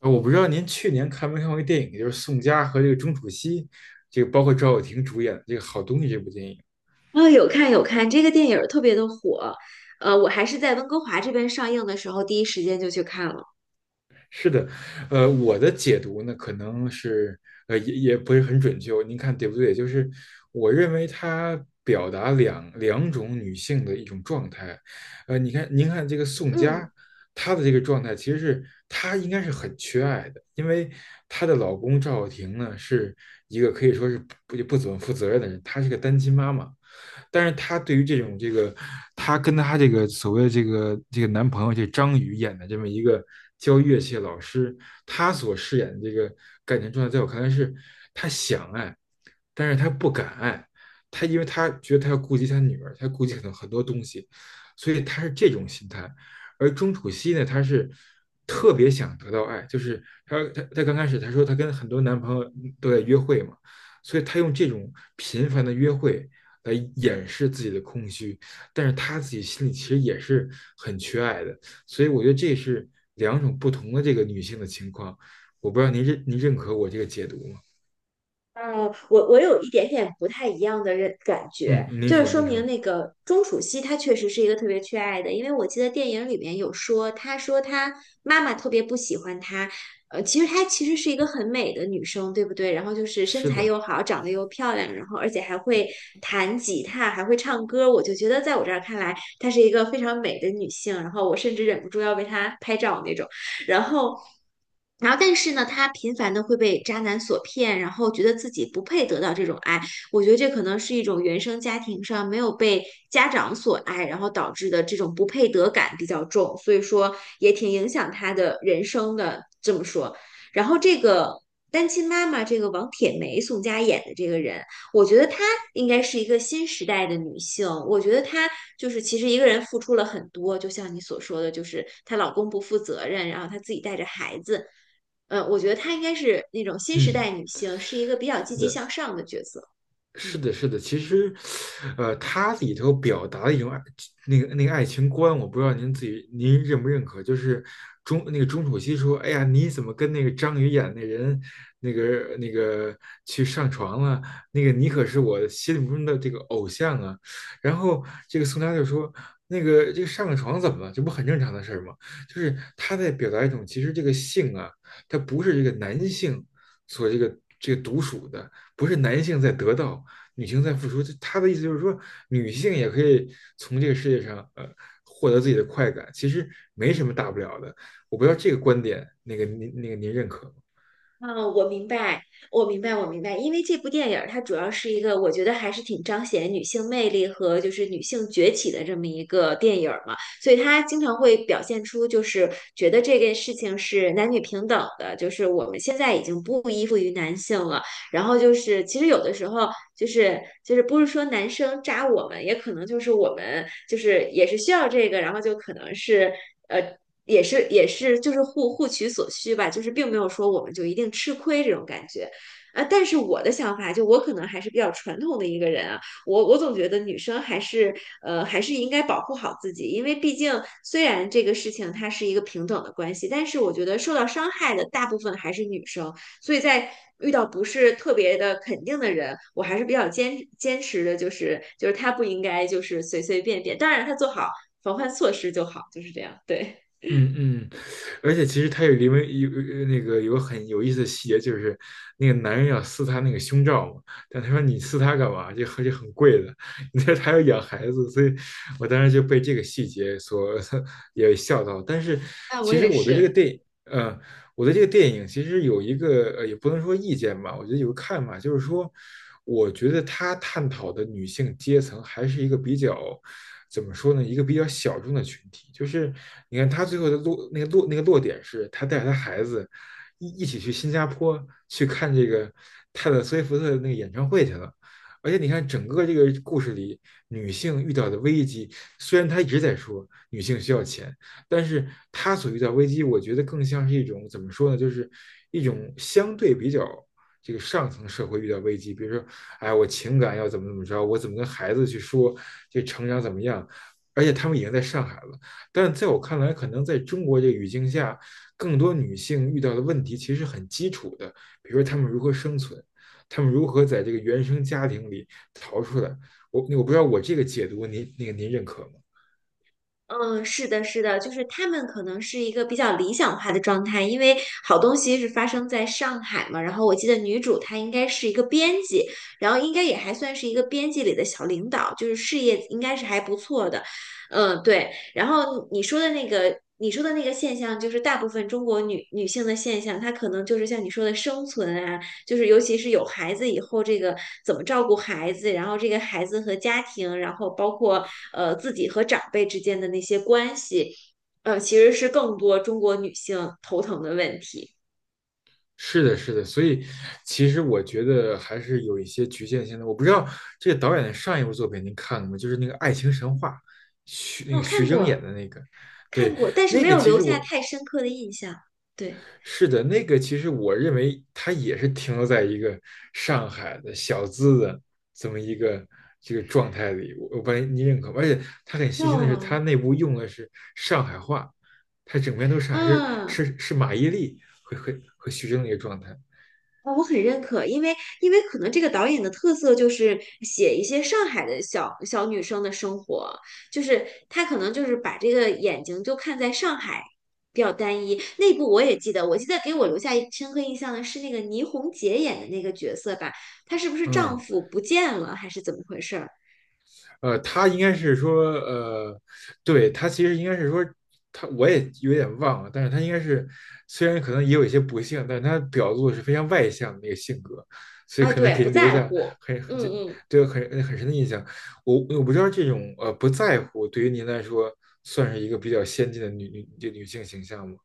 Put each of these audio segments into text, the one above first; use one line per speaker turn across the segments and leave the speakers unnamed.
我不知道您去年看没看过一个电影，就是宋佳和这个钟楚曦，这个包括赵又廷主演的这个《好东西》这部电影。
啊、有看有看，这个电影儿特别的火，我还是在温哥华这边上映的时候，第一时间就去看了。
是的，我的解读呢，可能是呃也也不是很准确，您看对不对？就是我认为它表达两种女性的一种状态。你看，您看这个宋
嗯。
佳，她的这个状态其实是她应该是很缺爱的，因为她的老公赵又廷呢是一个可以说是不怎么负责任的人，她是个单亲妈妈。但是他对于这种这个，他跟他这个所谓的这个男朋友这张宇演的这么一个教乐器的老师，他所饰演的这个感情状态，在我看来是，他想爱，但是他不敢爱，他因为他觉得他要顾及他女儿，他顾及很多很多东西，所以他是这种心态。而钟楚曦呢，她是特别想得到爱，就是她刚开始她说她跟很多男朋友都在约会嘛，所以她用这种频繁的约会来掩饰自己的空虚，但是他自己心里其实也是很缺爱的，所以我觉得这是两种不同的这个女性的情况，我不知道您认可我这个解读吗？
嗯我有一点点不太一样的感觉，
嗯，您
就是
说
说
您说，
明那个钟楚曦她确实是一个特别缺爱的，因为我记得电影里面有说，她说她妈妈特别不喜欢她，其实她其实是一个很美的女生，对不对？然后就是身
是
材
的，
又好，长得又漂亮，然后而且还会弹吉他，还会唱歌，我就觉得在我这儿看来，她是一个非常美的女性，然后我甚至忍不住要为她拍照那种。然后。然后，但是呢，她频繁的会被渣男所骗，然后觉得自己不配得到这种爱。我觉得这可能是一种原生家庭上没有被家长所爱，然后导致的这种不配得感比较重，所以说也挺影响她的人生的。这么说，然后这个单亲妈妈，这个王铁梅、宋佳演的这个人，我觉得她应该是一个新时代的女性。我觉得她就是其实一个人付出了很多，就像你所说的，就是她老公不负责任，然后她自己带着孩子。嗯，我觉得她应该是那种新时
嗯，
代女性，是一个比较
是
积极
的，
向上的角色。
是
嗯。
的，是的，其实，它里头表达的一种爱，那个爱情观，我不知道您自己您认不认可，就是那个钟楚曦说，哎呀，你怎么跟那个张宇演那人，那个去上床了？那个你可是我心目中的这个偶像啊。然后这个宋佳就说，那个这个上个床怎么了？这不很正常的事儿吗？就是他在表达一种，其实这个性啊，它不是这个男性所这个独属的，不是男性在得到。女性在付出，她的意思就是说，女性也可以从这个世界上获得自己的快感，其实没什么大不了的。我不知道这个观点，那个您认可吗？
嗯，我明白，我明白，我明白。因为这部电影儿它主要是一个，我觉得还是挺彰显女性魅力和就是女性崛起的这么一个电影儿嘛，所以它经常会表现出就是觉得这件事情是男女平等的，就是我们现在已经不依附于男性了。然后就是其实有的时候就是不是说男生渣我们，也可能就是我们就是也是需要这个，然后就可能是。呃。也是就是互取所需吧，就是并没有说我们就一定吃亏这种感觉。啊，但是我的想法就我可能还是比较传统的一个人啊，我总觉得女生还是应该保护好自己，因为毕竟虽然这个事情它是一个平等的关系，但是我觉得受到伤害的大部分还是女生，所以在遇到不是特别的肯定的人，我还是比较坚持的，就是他不应该就是随随便便，当然他做好防范措施就好，就是这样，对。
嗯嗯，而且其实他里面有那个有个很有意思的细节，就是那个男人要撕他那个胸罩嘛，但他说你撕它干嘛？这而且很贵的，你这还要养孩子，所以我当时就被这个细节所 也笑到。但是
哎，我
其实
也
我对这
是。
个电影，我对这个电影其实有一个，也不能说意见吧，我觉得有个看法，就是说，我觉得他探讨的女性阶层还是一个比较。怎么说呢？一个比较小众的群体，就是你看他最后的落那个落那个落点是，他带着他孩子一起去新加坡去看这个泰勒·斯威夫特的那个演唱会去了。而且你看，整个这个故事里，女性遇到的危机，虽然她一直在说女性需要钱，但是她所遇到危机，我觉得更像是一种怎么说呢，就是一种相对比较这个上层社会遇到危机，比如说哎，我情感要怎么怎么着，我怎么跟孩子去说，这成长怎么样？而且他们已经在上海了，但在我看来，可能在中国这个语境下，更多女性遇到的问题其实很基础的，比如说她们如何生存，她们如何在这个原生家庭里逃出来。我不知道我这个解读您那个您认可吗？
嗯，是的，是的，就是他们可能是一个比较理想化的状态，因为好东西是发生在上海嘛。然后我记得女主她应该是一个编辑，然后应该也还算是一个编辑里的小领导，就是事业应该是还不错的。嗯，对。然后你说的那个现象，就是大部分中国女性的现象，她可能就是像你说的生存啊。就是尤其是有孩子以后，这个怎么照顾孩子，然后这个孩子和家庭，然后包括自己和长辈之间的那些关系，其实是更多中国女性头疼的问题。
是的，是的，所以其实我觉得还是有一些局限性的。我不知道这个导演的上一部作品您看了吗？就是那个《爱情神话》，徐那
哦，
个徐
看
峥演
过
的那个，
看
对，
过，但是
那
没
个
有
其
留
实
下
我
太深刻的印象。对，
是的，那个其实我认为他也是停留在一个上海的小资的这么一个这个状态里。我不知道您认可吗？而且他很细心的是，他
哦，
那部用的是上海话，他整篇都是还是
嗯。
是是马伊琍和徐峥的一个状态，
啊，我很认可，因为可能这个导演的特色就是写一些上海的小小女生的生活，就是他可能就是把这个眼睛就看在上海比较单一。那部我也记得，我记得给我留下一深刻印象的是那个倪虹洁演的那个角色吧，她是不是丈
嗯。
夫不见了还是怎么回事儿？
他应该是说，对，他其实应该是说，他我也有点忘了，但是他应该是虽然可能也有一些不幸，但是他表露的是非常外向的那个性格，所以
啊，
可能
对，
给
不
人留
在
下
乎，
很
嗯嗯嗯
对很深的印象。我不知道这种不在乎对于您来说算是一个比较先进的女性形象吗？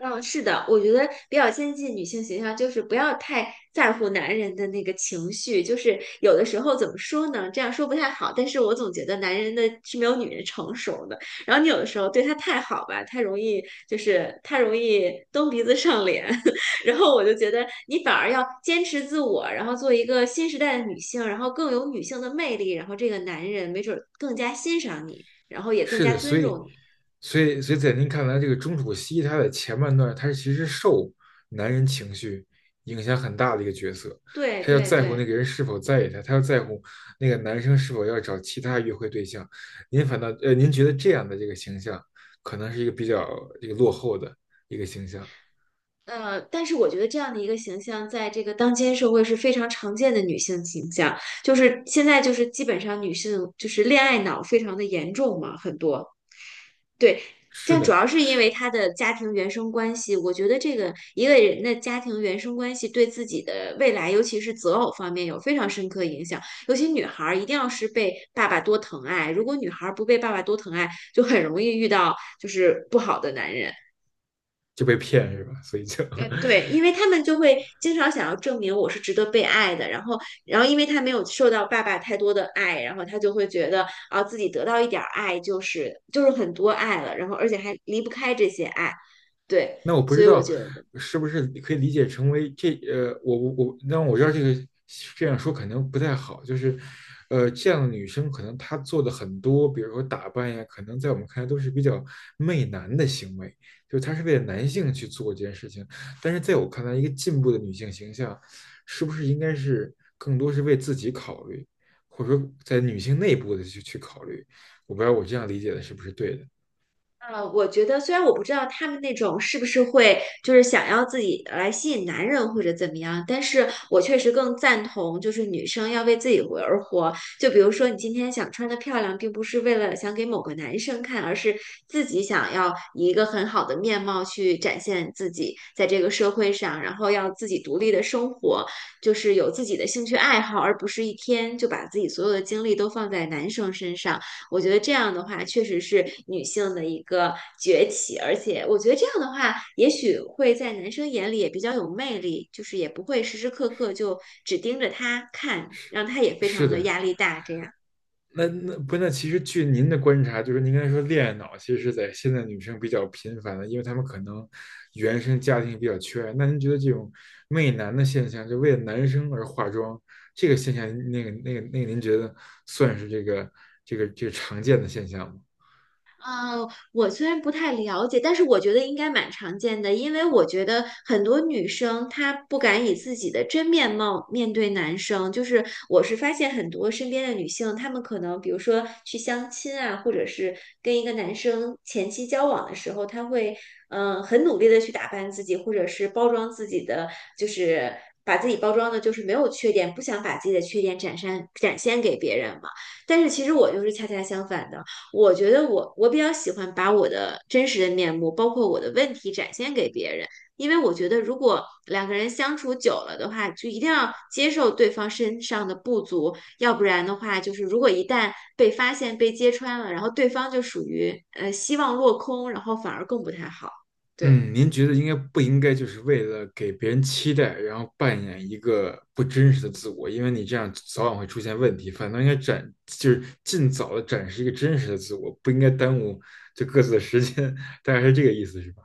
嗯，是的，我觉得比较先进女性形象就是不要太在乎男人的那个情绪，就是有的时候怎么说呢？这样说不太好，但是我总觉得男人的是没有女人成熟的。然后你有的时候对他太好吧，太容易就是他容易蹬鼻子上脸，然后我就觉得你反而要坚持自我，然后做一个新时代的女性，然后更有女性的魅力，然后这个男人没准儿更加欣赏你，然后也更
是
加
的，所
尊
以，
重你。
所以，所以在您看来，这个钟楚曦她在前半段，她是其实受男人情绪影响很大的一个角色，
对
她要
对
在乎那
对。
个人是否在意她，她要在乎那个男生是否要找其他约会对象。您反倒，您觉得这样的这个形象，可能是一个比较这个落后的一个形象。
但是我觉得这样的一个形象，在这个当今社会是非常常见的女性形象，就是现在就是基本上女性就是恋爱脑非常的严重嘛，很多对，
是
但主
的，
要是因为她的家庭原生关系，我觉得这个一个人的家庭原生关系对自己的未来，尤其是择偶方面有非常深刻影响，尤其女孩儿一定要是被爸爸多疼爱，如果女孩儿不被爸爸多疼爱，就很容易遇到就是不好的男人。
就被骗是吧？所以就
对，因为他们就会经常想要证明我是值得被爱的，然后，然后因为他没有受到爸爸太多的爱，然后他就会觉得啊，自己得到一点儿爱就是就是很多爱了，然后而且还离不开这些爱，对，
那我不
所
知
以我
道
觉得
是不是可以理解成为这，我，那我知道这个这样说可能不太好，就是，这样的女生可能她做的很多，比如说打扮呀，可能在我们看来都是比较媚男的行为，就是她是为了男性去做这件事情。但是在我看来，一个进步的女性形象，是不是应该是更多是为自己考虑，或者说在女性内部的去考虑？我不知道我这样理解的是不是对的？
虽然我不知道他们那种是不是会就是想要自己来吸引男人或者怎么样，但是我确实更赞同就是女生要为自己活而活。就比如说你今天想穿的漂亮，并不是为了想给某个男生看，而是自己想要以一个很好的面貌去展现自己在这个社会上，然后要自己独立的生活，就是有自己的兴趣爱好，而不是一天就把自己所有的精力都放在男生身上。我觉得这样的话，确实是女性的一个崛起，而且我觉得这样的话，也许会在男生眼里也比较有魅力，就是也不会时时刻刻就只盯着他看，让他也非
是
常的
的，
压力大这样。
那那不那其实据您的观察，就是您刚才说恋爱脑，其实是在现在女生比较频繁的，因为她们可能原生家庭比较缺爱。那您觉得这种媚男的现象，就为了男生而化妆这个现象，那个，您觉得算是这个这个常见的现象吗？
我虽然不太了解，但是我觉得应该蛮常见的，因为我觉得很多女生她不敢以自己的真面貌面对男生，就是我是发现很多身边的女性，她们可能比如说去相亲啊，或者是跟一个男生前期交往的时候，她会很努力的去打扮自己，或者是包装自己的，就是把自己包装的就是没有缺点，不想把自己的缺点展现展现给别人嘛。但是其实我就是恰恰相反的。我觉得我比较喜欢把我的真实的面目，包括我的问题展现给别人，因为我觉得如果两个人相处久了的话，就一定要接受对方身上的不足，要不然的话，就是如果一旦被发现、被揭穿了，然后对方就属于希望落空，然后反而更不太好。对，
嗯，您觉得应该不应该就是为了给别人期待，然后扮演一个不真实的自我？因为你这样早晚会出现问题，反倒应该展，就是尽早的展示一个真实的自我，不应该耽误就各自的时间，大概是这个意思，是吧？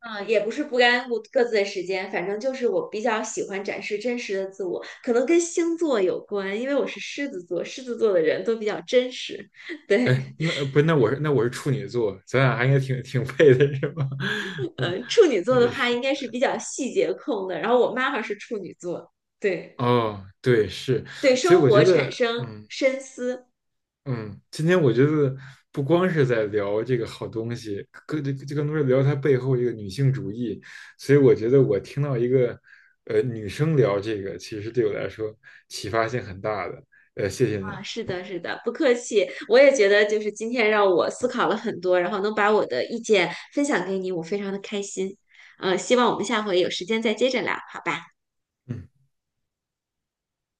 嗯，也不是不干顾各自的时间，反正就是我比较喜欢展示真实的自我，可能跟星座有关，因为我是狮子座，狮子座的人都比较真实。
哎，
对。
不是，那我是处女座，咱俩还应该挺配的，是吧？嗯，
处女座的话
是，
应该是比较细节控的，然后我妈妈是处女座，对
哦，对，是，
对，
所以
生
我
活
觉
产
得，
生
嗯，
深思
嗯，今天我觉得不光是在聊这个好东西，更这这更多是聊它背后这个女性主义。所以我觉得我听到一个女生聊这个，其实对我来说启发性很大的。谢谢您。
啊，是的，是的，不客气，我也觉得就是今天让我思考了很多，然后能把我的意见分享给你，我非常的开心，希望我们下回有时间再接着聊，好吧？
嗯。